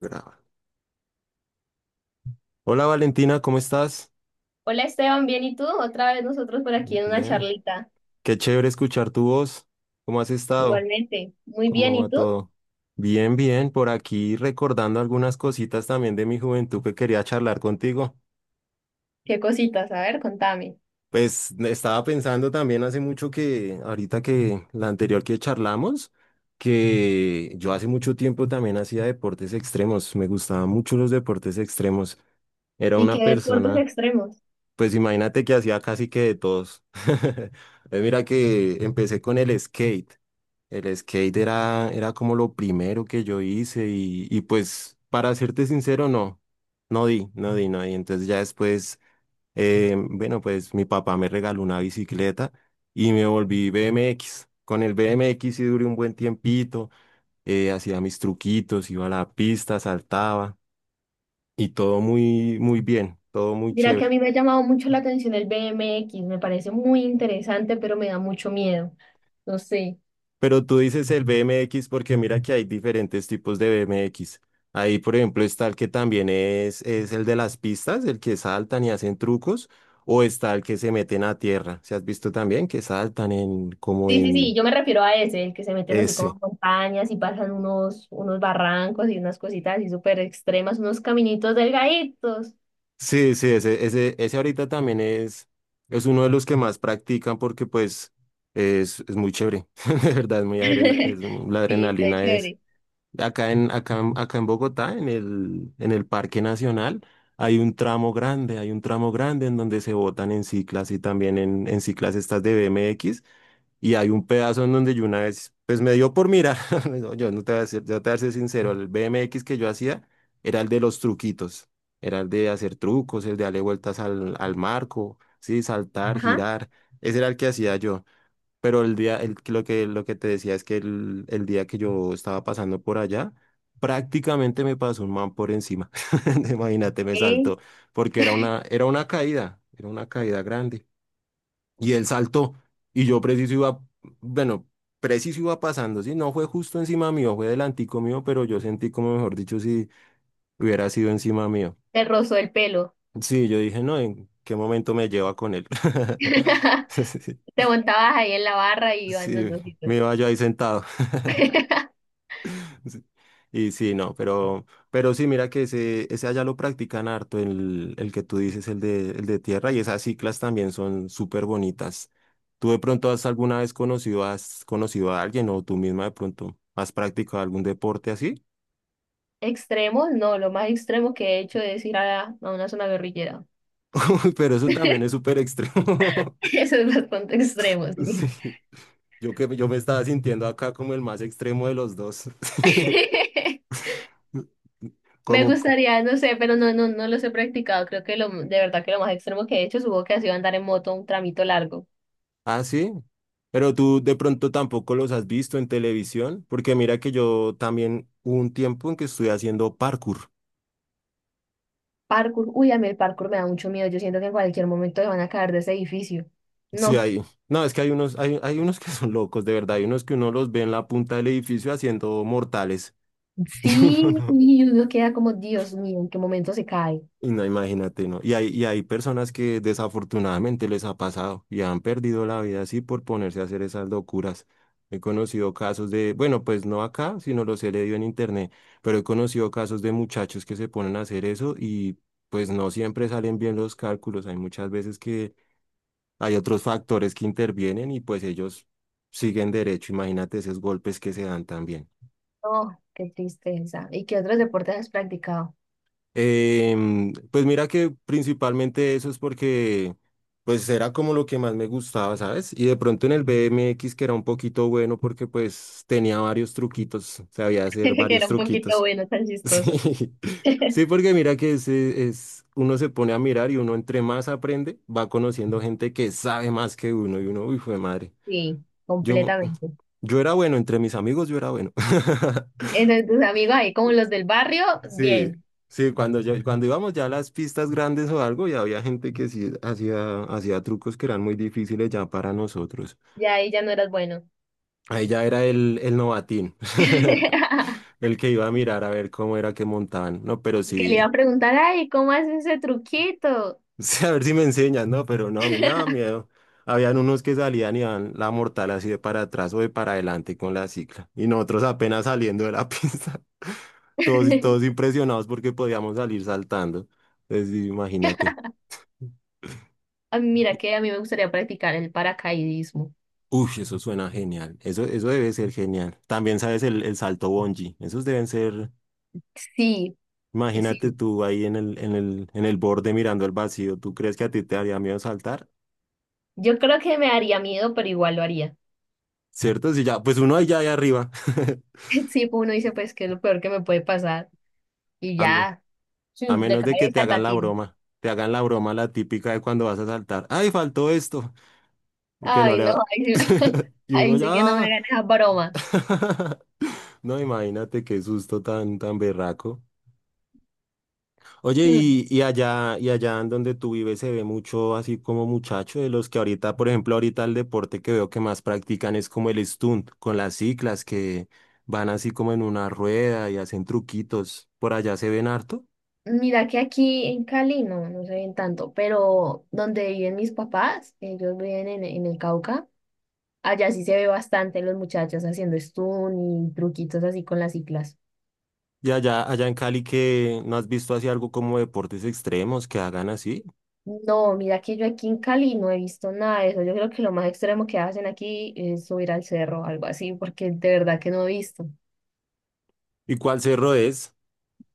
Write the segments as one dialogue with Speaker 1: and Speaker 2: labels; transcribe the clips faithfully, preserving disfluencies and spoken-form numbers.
Speaker 1: Graba. Hola Valentina, ¿cómo estás?
Speaker 2: Hola Esteban, ¿bien y tú? Otra vez nosotros por aquí
Speaker 1: Muy
Speaker 2: en una
Speaker 1: Bien,
Speaker 2: charlita.
Speaker 1: qué chévere escuchar tu voz. ¿Cómo has estado?
Speaker 2: Igualmente, muy bien,
Speaker 1: ¿Cómo
Speaker 2: ¿y
Speaker 1: va
Speaker 2: tú?
Speaker 1: todo? Bien, bien, por aquí recordando algunas cositas también de mi juventud que quería charlar contigo.
Speaker 2: ¿Qué cositas? A ver, contame.
Speaker 1: Pues estaba pensando también hace mucho que, ahorita que la anterior que charlamos, que yo hace mucho tiempo también hacía deportes extremos, me gustaban mucho los deportes extremos. Era
Speaker 2: ¿Y
Speaker 1: una
Speaker 2: qué deportes
Speaker 1: persona...
Speaker 2: extremos?
Speaker 1: Pues imagínate que hacía casi que de todos. Eh, Mira que empecé con el skate. El skate era, era como lo primero que yo hice y, y pues para serte sincero, no, no di, no di, no di. Entonces ya después, eh, bueno, pues mi papá me regaló una bicicleta y me volví B M X. Con el B M X sí duré un buen tiempito, eh, hacía mis truquitos, iba a la pista, saltaba y todo muy, muy bien, todo muy
Speaker 2: Mira que a
Speaker 1: chévere.
Speaker 2: mí me ha llamado mucho la atención el B M X, me parece muy interesante, pero me da mucho miedo. No sé.
Speaker 1: Pero tú dices el B M X porque mira que hay diferentes tipos de B M X. Ahí, por ejemplo, está el que también es, es el de las pistas, el que saltan y hacen trucos, o está el que se meten a tierra. ¿Se has visto también que saltan en como
Speaker 2: Sí, sí, sí,
Speaker 1: en
Speaker 2: yo me refiero a ese, el que se meten así como
Speaker 1: ese?
Speaker 2: en montañas y pasan unos, unos barrancos y unas cositas así súper extremas, unos caminitos delgaditos.
Speaker 1: Sí, sí, ese, ese, ese ahorita también es, es uno de los que más practican porque pues es, es muy chévere. De verdad, es muy adrena, es, la
Speaker 2: Sí, está
Speaker 1: adrenalina.
Speaker 2: chévere.
Speaker 1: Acá en, acá, en- acá en Bogotá, en el, en el Parque Nacional, hay un tramo grande, hay un tramo grande en donde se botan en ciclas y también en, en ciclas estas de B M X. Y hay un pedazo en donde yo una vez, pues me dio por mirar, no, yo no te voy a ser, yo te voy a ser sincero, el B M X que yo hacía era el de los truquitos, era el de hacer trucos, el de darle vueltas al, al marco, sí, saltar,
Speaker 2: Ajá.
Speaker 1: girar, ese era el que hacía yo. Pero el día, el- lo que, lo que te decía es que el, el día que yo estaba pasando por allá, prácticamente me pasó un man por encima. Imagínate, me
Speaker 2: Eh,
Speaker 1: saltó, porque era una, era una caída, era una caída grande. Y él saltó, y yo preciso iba, bueno, preciso iba pasando, sí, no fue justo encima mío, fue delantico mío, pero yo sentí como, mejor dicho, si hubiera sido encima mío.
Speaker 2: Te rozó el pelo.
Speaker 1: Sí, yo dije, no, ¿en qué momento me lleva con él? Sí,
Speaker 2: Te montabas ahí en la barra y iban los
Speaker 1: sí, me
Speaker 2: dositos.
Speaker 1: iba yo ahí sentado. Sí. Y sí, no, pero, pero sí, mira que ese, ese allá lo practican harto, el, el que tú dices, el de, el de tierra, y esas ciclas también son súper bonitas. ¿Tú de pronto has alguna vez conocido, has conocido a alguien o tú misma de pronto has practicado algún deporte así?
Speaker 2: Extremos, no, lo más extremo que he hecho es ir a, a una zona guerrillera.
Speaker 1: Pero eso también es súper extremo.
Speaker 2: Eso es bastante extremo, sí.
Speaker 1: Sí, yo que yo me estaba sintiendo acá como el más extremo de los dos.
Speaker 2: Me
Speaker 1: Como,
Speaker 2: gustaría, no sé, pero no, no, no los he practicado. Creo que lo, de verdad que lo más extremo que he hecho, supongo que ha sido andar en moto un tramito largo.
Speaker 1: ah, sí. Pero tú de pronto tampoco los has visto en televisión, porque mira que yo también hubo un tiempo en que estuve haciendo parkour.
Speaker 2: Parkour, uy, a mí el parkour me da mucho miedo. Yo siento que en cualquier momento me van a caer de ese edificio.
Speaker 1: Sí,
Speaker 2: No,
Speaker 1: hay. No, es que hay unos, hay, hay unos que son locos, de verdad. Hay unos que uno los ve en la punta del edificio haciendo mortales. Y uno
Speaker 2: sí,
Speaker 1: no.
Speaker 2: y uno queda como, Dios mío, ¿en qué momento se cae?
Speaker 1: Y no, imagínate, ¿no? Y hay, y hay personas que desafortunadamente les ha pasado y han perdido la vida así por ponerse a hacer esas locuras. He conocido casos de, bueno, pues no acá, sino los he leído en internet, pero he conocido casos de muchachos que se ponen a hacer eso y pues no siempre salen bien los cálculos. Hay muchas veces que hay otros factores que intervienen y pues ellos siguen derecho. Imagínate esos golpes que se dan también.
Speaker 2: Oh, qué tristeza. ¿Y qué otros deportes has practicado?
Speaker 1: Em, pues mira que principalmente eso es porque pues era como lo que más me gustaba, ¿sabes? Y de pronto en el B M X que era un poquito bueno porque pues tenía varios truquitos, sabía hacer
Speaker 2: Que
Speaker 1: varios
Speaker 2: era un poquito
Speaker 1: truquitos.
Speaker 2: bueno, tan chistoso.
Speaker 1: Sí, sí, porque mira que es, es, uno se pone a mirar y uno entre más aprende va conociendo gente que sabe más que uno y uno, uy, fue madre.
Speaker 2: Sí,
Speaker 1: Yo,
Speaker 2: completamente.
Speaker 1: yo era bueno, entre mis amigos yo era bueno.
Speaker 2: Entonces tus amigos ahí, como los del barrio,
Speaker 1: Sí,
Speaker 2: bien,
Speaker 1: sí, cuando ya, cuando íbamos ya a las pistas grandes o algo, ya había gente que sí hacía, hacía trucos que eran muy difíciles ya para nosotros.
Speaker 2: ya ahí ya no eras bueno.
Speaker 1: Ahí ya era el, el novatín, el, el que iba a mirar a ver cómo era que montaban. No, pero
Speaker 2: Que le iba
Speaker 1: sí,
Speaker 2: a preguntar, ay, ¿cómo haces ese truquito?
Speaker 1: sí, a ver si me enseñan, no, pero no, a mí me daba miedo. Habían unos que salían y iban la mortal así de para atrás o de para adelante con la cicla. Y nosotros apenas saliendo de la pista, todos, todos impresionados porque podíamos salir saltando. Entonces, sí, imagínate.
Speaker 2: A mí, mira que a mí me gustaría practicar el paracaidismo.
Speaker 1: Uy, eso suena genial. Eso, eso debe ser genial. También sabes el, el salto bungee. Esos deben ser,
Speaker 2: Sí,
Speaker 1: imagínate
Speaker 2: sí.
Speaker 1: tú ahí en el, en el, en el borde mirando al vacío. ¿Tú crees que a ti te haría miedo saltar?
Speaker 2: Yo creo que me daría miedo, pero igual lo haría.
Speaker 1: ¿Cierto? Si ya, pues uno ahí ya ahí arriba.
Speaker 2: Sí, pues uno dice, pues, ¿que es lo peor que me puede pasar? Y
Speaker 1: A, me-
Speaker 2: ya,
Speaker 1: a
Speaker 2: chum, de
Speaker 1: menos de que te
Speaker 2: cabeza al
Speaker 1: hagan la
Speaker 2: vacío.
Speaker 1: broma. Te hagan la broma la típica de cuando vas a saltar. ¡Ay, faltó esto! Y que no
Speaker 2: Ay,
Speaker 1: le
Speaker 2: no,
Speaker 1: va-
Speaker 2: ahí, sí,
Speaker 1: Y uno
Speaker 2: ahí sí que no me
Speaker 1: ya.
Speaker 2: ganes a bromas.
Speaker 1: No, imagínate qué susto tan, tan berraco. Oye,
Speaker 2: Mm,
Speaker 1: y, y allá, y allá en donde tú vives se ve mucho así como muchacho de los que ahorita, por ejemplo, ahorita el deporte que veo que más practican es como el stunt, con las ciclas que van así como en una rueda y hacen truquitos. Por allá se ven harto.
Speaker 2: mira que aquí en Cali no, no se ven tanto, pero donde viven mis papás, ellos viven en, en el Cauca, allá sí se ve bastante los muchachos haciendo stun y truquitos así con las ciclas.
Speaker 1: Y allá, allá en Cali que no has visto así algo como deportes extremos que hagan así.
Speaker 2: No, mira que yo aquí en Cali no he visto nada de eso. Yo creo que lo más extremo que hacen aquí es subir al cerro, algo así, porque de verdad que no he visto.
Speaker 1: ¿Y cuál cerro es?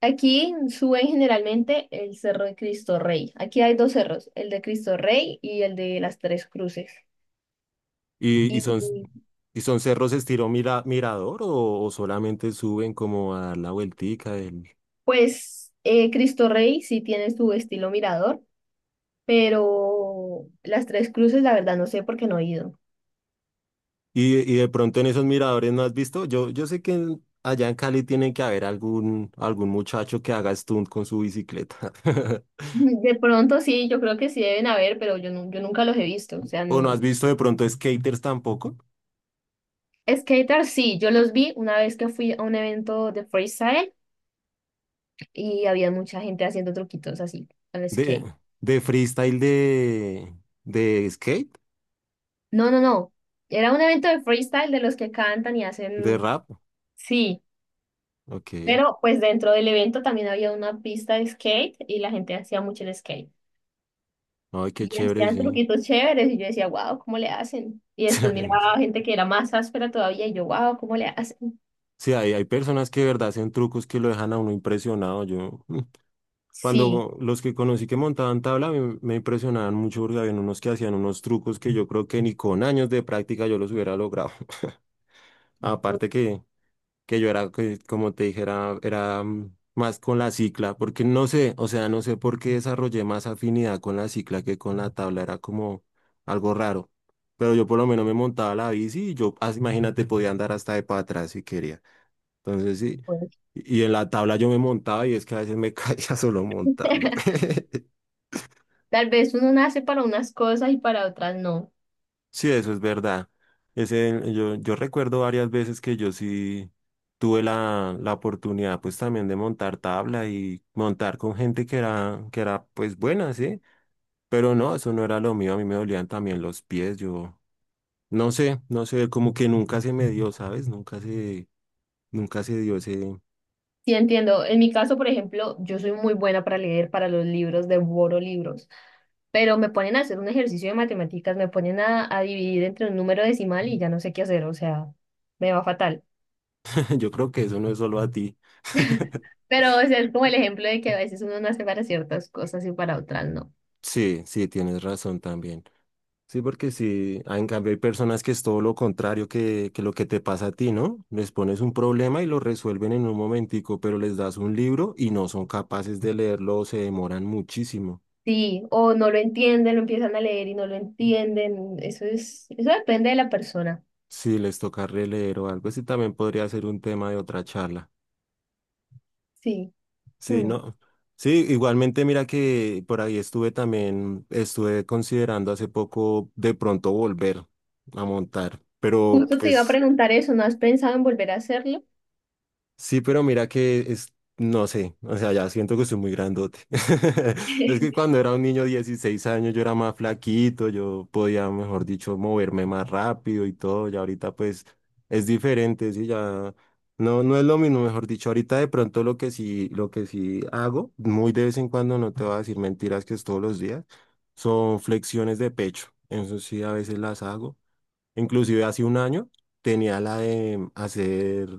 Speaker 2: Aquí suben generalmente el Cerro de Cristo Rey. Aquí hay dos cerros, el de Cristo Rey y el de las Tres Cruces.
Speaker 1: ¿Y, y
Speaker 2: Y
Speaker 1: son, y son cerros estilo mira, mirador o, o solamente suben como a dar la vueltica?
Speaker 2: pues eh, Cristo Rey sí tiene su estilo mirador, pero las Tres Cruces la verdad no sé por qué no he ido.
Speaker 1: Y, y de pronto en esos miradores no has visto, yo, yo sé que en- allá en Cali tiene que haber algún, algún muchacho que haga stunt con su bicicleta.
Speaker 2: De pronto sí, yo creo que sí deben haber, pero yo, nu- yo nunca los he visto. O sea,
Speaker 1: ¿O no has
Speaker 2: no.
Speaker 1: visto de pronto skaters tampoco?
Speaker 2: Skater sí, yo los vi una vez que fui a un evento de freestyle y había mucha gente haciendo truquitos así al
Speaker 1: De,
Speaker 2: skate.
Speaker 1: de freestyle de, de skate,
Speaker 2: No, no, no. Era un evento de freestyle de los que cantan y
Speaker 1: de
Speaker 2: hacen,
Speaker 1: rap.
Speaker 2: sí,
Speaker 1: Ok.
Speaker 2: pero pues dentro del evento también había una pista de skate y la gente hacía mucho el skate.
Speaker 1: Ay, qué
Speaker 2: Y
Speaker 1: chévere,
Speaker 2: hacían
Speaker 1: sí.
Speaker 2: truquitos chéveres y yo decía, wow, ¿cómo le hacen? Y después miraba gente que era más áspera todavía y yo, wow, ¿cómo le hacen?
Speaker 1: Sí, hay, hay personas que de verdad hacen trucos que lo dejan a uno impresionado. Yo.
Speaker 2: Sí,
Speaker 1: Cuando los que conocí que montaban tabla me, me impresionaban mucho porque habían unos que hacían unos trucos que yo creo que ni con años de práctica yo los hubiera logrado. Aparte que, que yo era, que, como te dijera, era mm, más con la cicla, porque no sé, o sea, no sé por qué desarrollé más afinidad con la cicla que con la tabla, era como algo raro. Pero yo por lo menos me montaba la bici y yo, ah, imagínate, podía andar hasta de para atrás si quería. Entonces sí,
Speaker 2: pues,
Speaker 1: y y en la tabla yo me montaba y es que a veces me caía solo montando.
Speaker 2: tal vez uno nace para unas cosas y para otras no.
Speaker 1: Sí, eso es verdad. Ese, yo, yo recuerdo varias veces que yo sí tuve la, la oportunidad pues también de montar tabla y montar con gente que era, que era pues buena, ¿sí? Pero no, eso no era lo mío, a mí me dolían también los pies, yo no sé, no sé, como que nunca se me dio, ¿sabes? Nunca se, nunca se dio ese,
Speaker 2: Sí, entiendo. En mi caso, por ejemplo, yo soy muy buena para leer, para los libros, devoro libros, pero me ponen a hacer un ejercicio de matemáticas, me ponen a, a dividir entre un número decimal y ya no sé qué hacer, o sea, me va fatal.
Speaker 1: yo creo que eso no es solo a ti.
Speaker 2: Pero o sea, es como el ejemplo de que a veces uno nace para ciertas cosas y para otras no.
Speaker 1: Sí, sí, tienes razón también. Sí, porque sí, ah, en cambio hay personas que es todo lo contrario que, que lo que te pasa a ti, ¿no? Les pones un problema y lo resuelven en un momentico, pero les das un libro y no son capaces de leerlo o se demoran muchísimo.
Speaker 2: Sí, o no lo entienden, lo empiezan a leer y no lo entienden. Eso es, eso depende de la persona.
Speaker 1: Sí, les toca releer o algo sí también podría ser un tema de otra charla.
Speaker 2: Sí.
Speaker 1: Sí,
Speaker 2: Hmm.
Speaker 1: ¿no? Sí, igualmente mira que por ahí estuve también, estuve considerando hace poco de pronto volver a montar, pero
Speaker 2: Justo te iba a
Speaker 1: pues...
Speaker 2: preguntar eso, ¿no has pensado en volver a hacerlo?
Speaker 1: Sí, pero mira que es, no sé, o sea, ya siento que soy muy grandote. Es que cuando era un niño de dieciséis años yo era más flaquito, yo podía, mejor dicho, moverme más rápido y todo, y ahorita pues es diferente, sí, ya no, no es lo mismo, mejor dicho, ahorita de pronto lo que sí, lo que sí hago, muy de vez en cuando, no te voy a decir mentiras que es todos los días, son flexiones de pecho, eso sí a veces las hago. Inclusive hace un año tenía la de hacer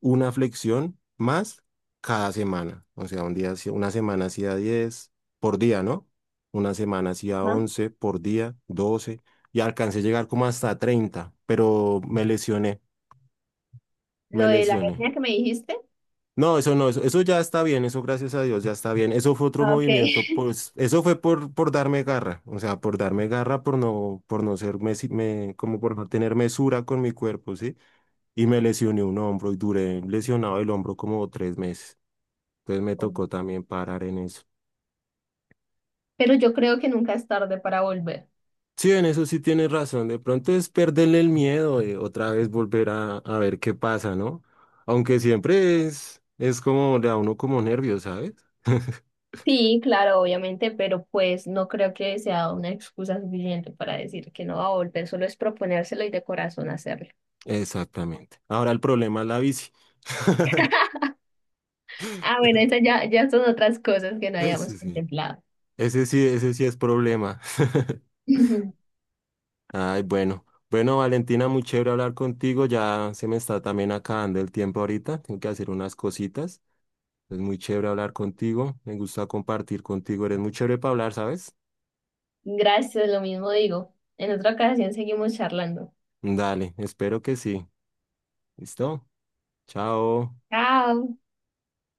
Speaker 1: una flexión más cada semana. O sea, un día, hacía- una semana hacía diez por día, ¿no? Una semana hacía
Speaker 2: Ajá.
Speaker 1: once por día, doce y alcancé a llegar como hasta treinta, pero me lesioné,
Speaker 2: Lo
Speaker 1: me
Speaker 2: de la
Speaker 1: lesioné.
Speaker 2: etnia que me dijiste.
Speaker 1: No, eso no, eso, eso ya está bien, eso gracias a Dios ya está bien. Eso fue otro
Speaker 2: Ah, ok.
Speaker 1: movimiento, pues eso fue por, por darme garra, o sea, por darme garra, por no, por no ser, mesi- me, como por no tener mesura con mi cuerpo, ¿sí? Y me lesioné un hombro y duré lesionado el hombro como tres meses. Entonces me tocó también parar en eso.
Speaker 2: Pero yo creo que nunca es tarde para volver.
Speaker 1: Sí, en eso sí tienes razón. De pronto es perderle el miedo, eh, otra vez volver a, a ver qué pasa, ¿no? Aunque siempre es, es como, le da a uno como nervios, ¿sabes?
Speaker 2: Sí, claro, obviamente, pero pues no creo que sea una excusa suficiente para decir que no va a volver, solo es proponérselo y de corazón hacerlo.
Speaker 1: Exactamente. Ahora el problema es la bici.
Speaker 2: Ah, bueno, esas ya, ya son otras cosas que no habíamos
Speaker 1: Ese sí,
Speaker 2: contemplado.
Speaker 1: ese sí, ese sí es problema. Ay, bueno. Bueno, Valentina, muy chévere hablar contigo. Ya se me está también acabando el tiempo ahorita. Tengo que hacer unas cositas. Es muy chévere hablar contigo. Me gusta compartir contigo. Eres muy chévere para hablar, ¿sabes?
Speaker 2: Gracias, lo mismo digo. En otra ocasión seguimos charlando.
Speaker 1: Dale, espero que sí. ¿Listo? Chao.
Speaker 2: Chao.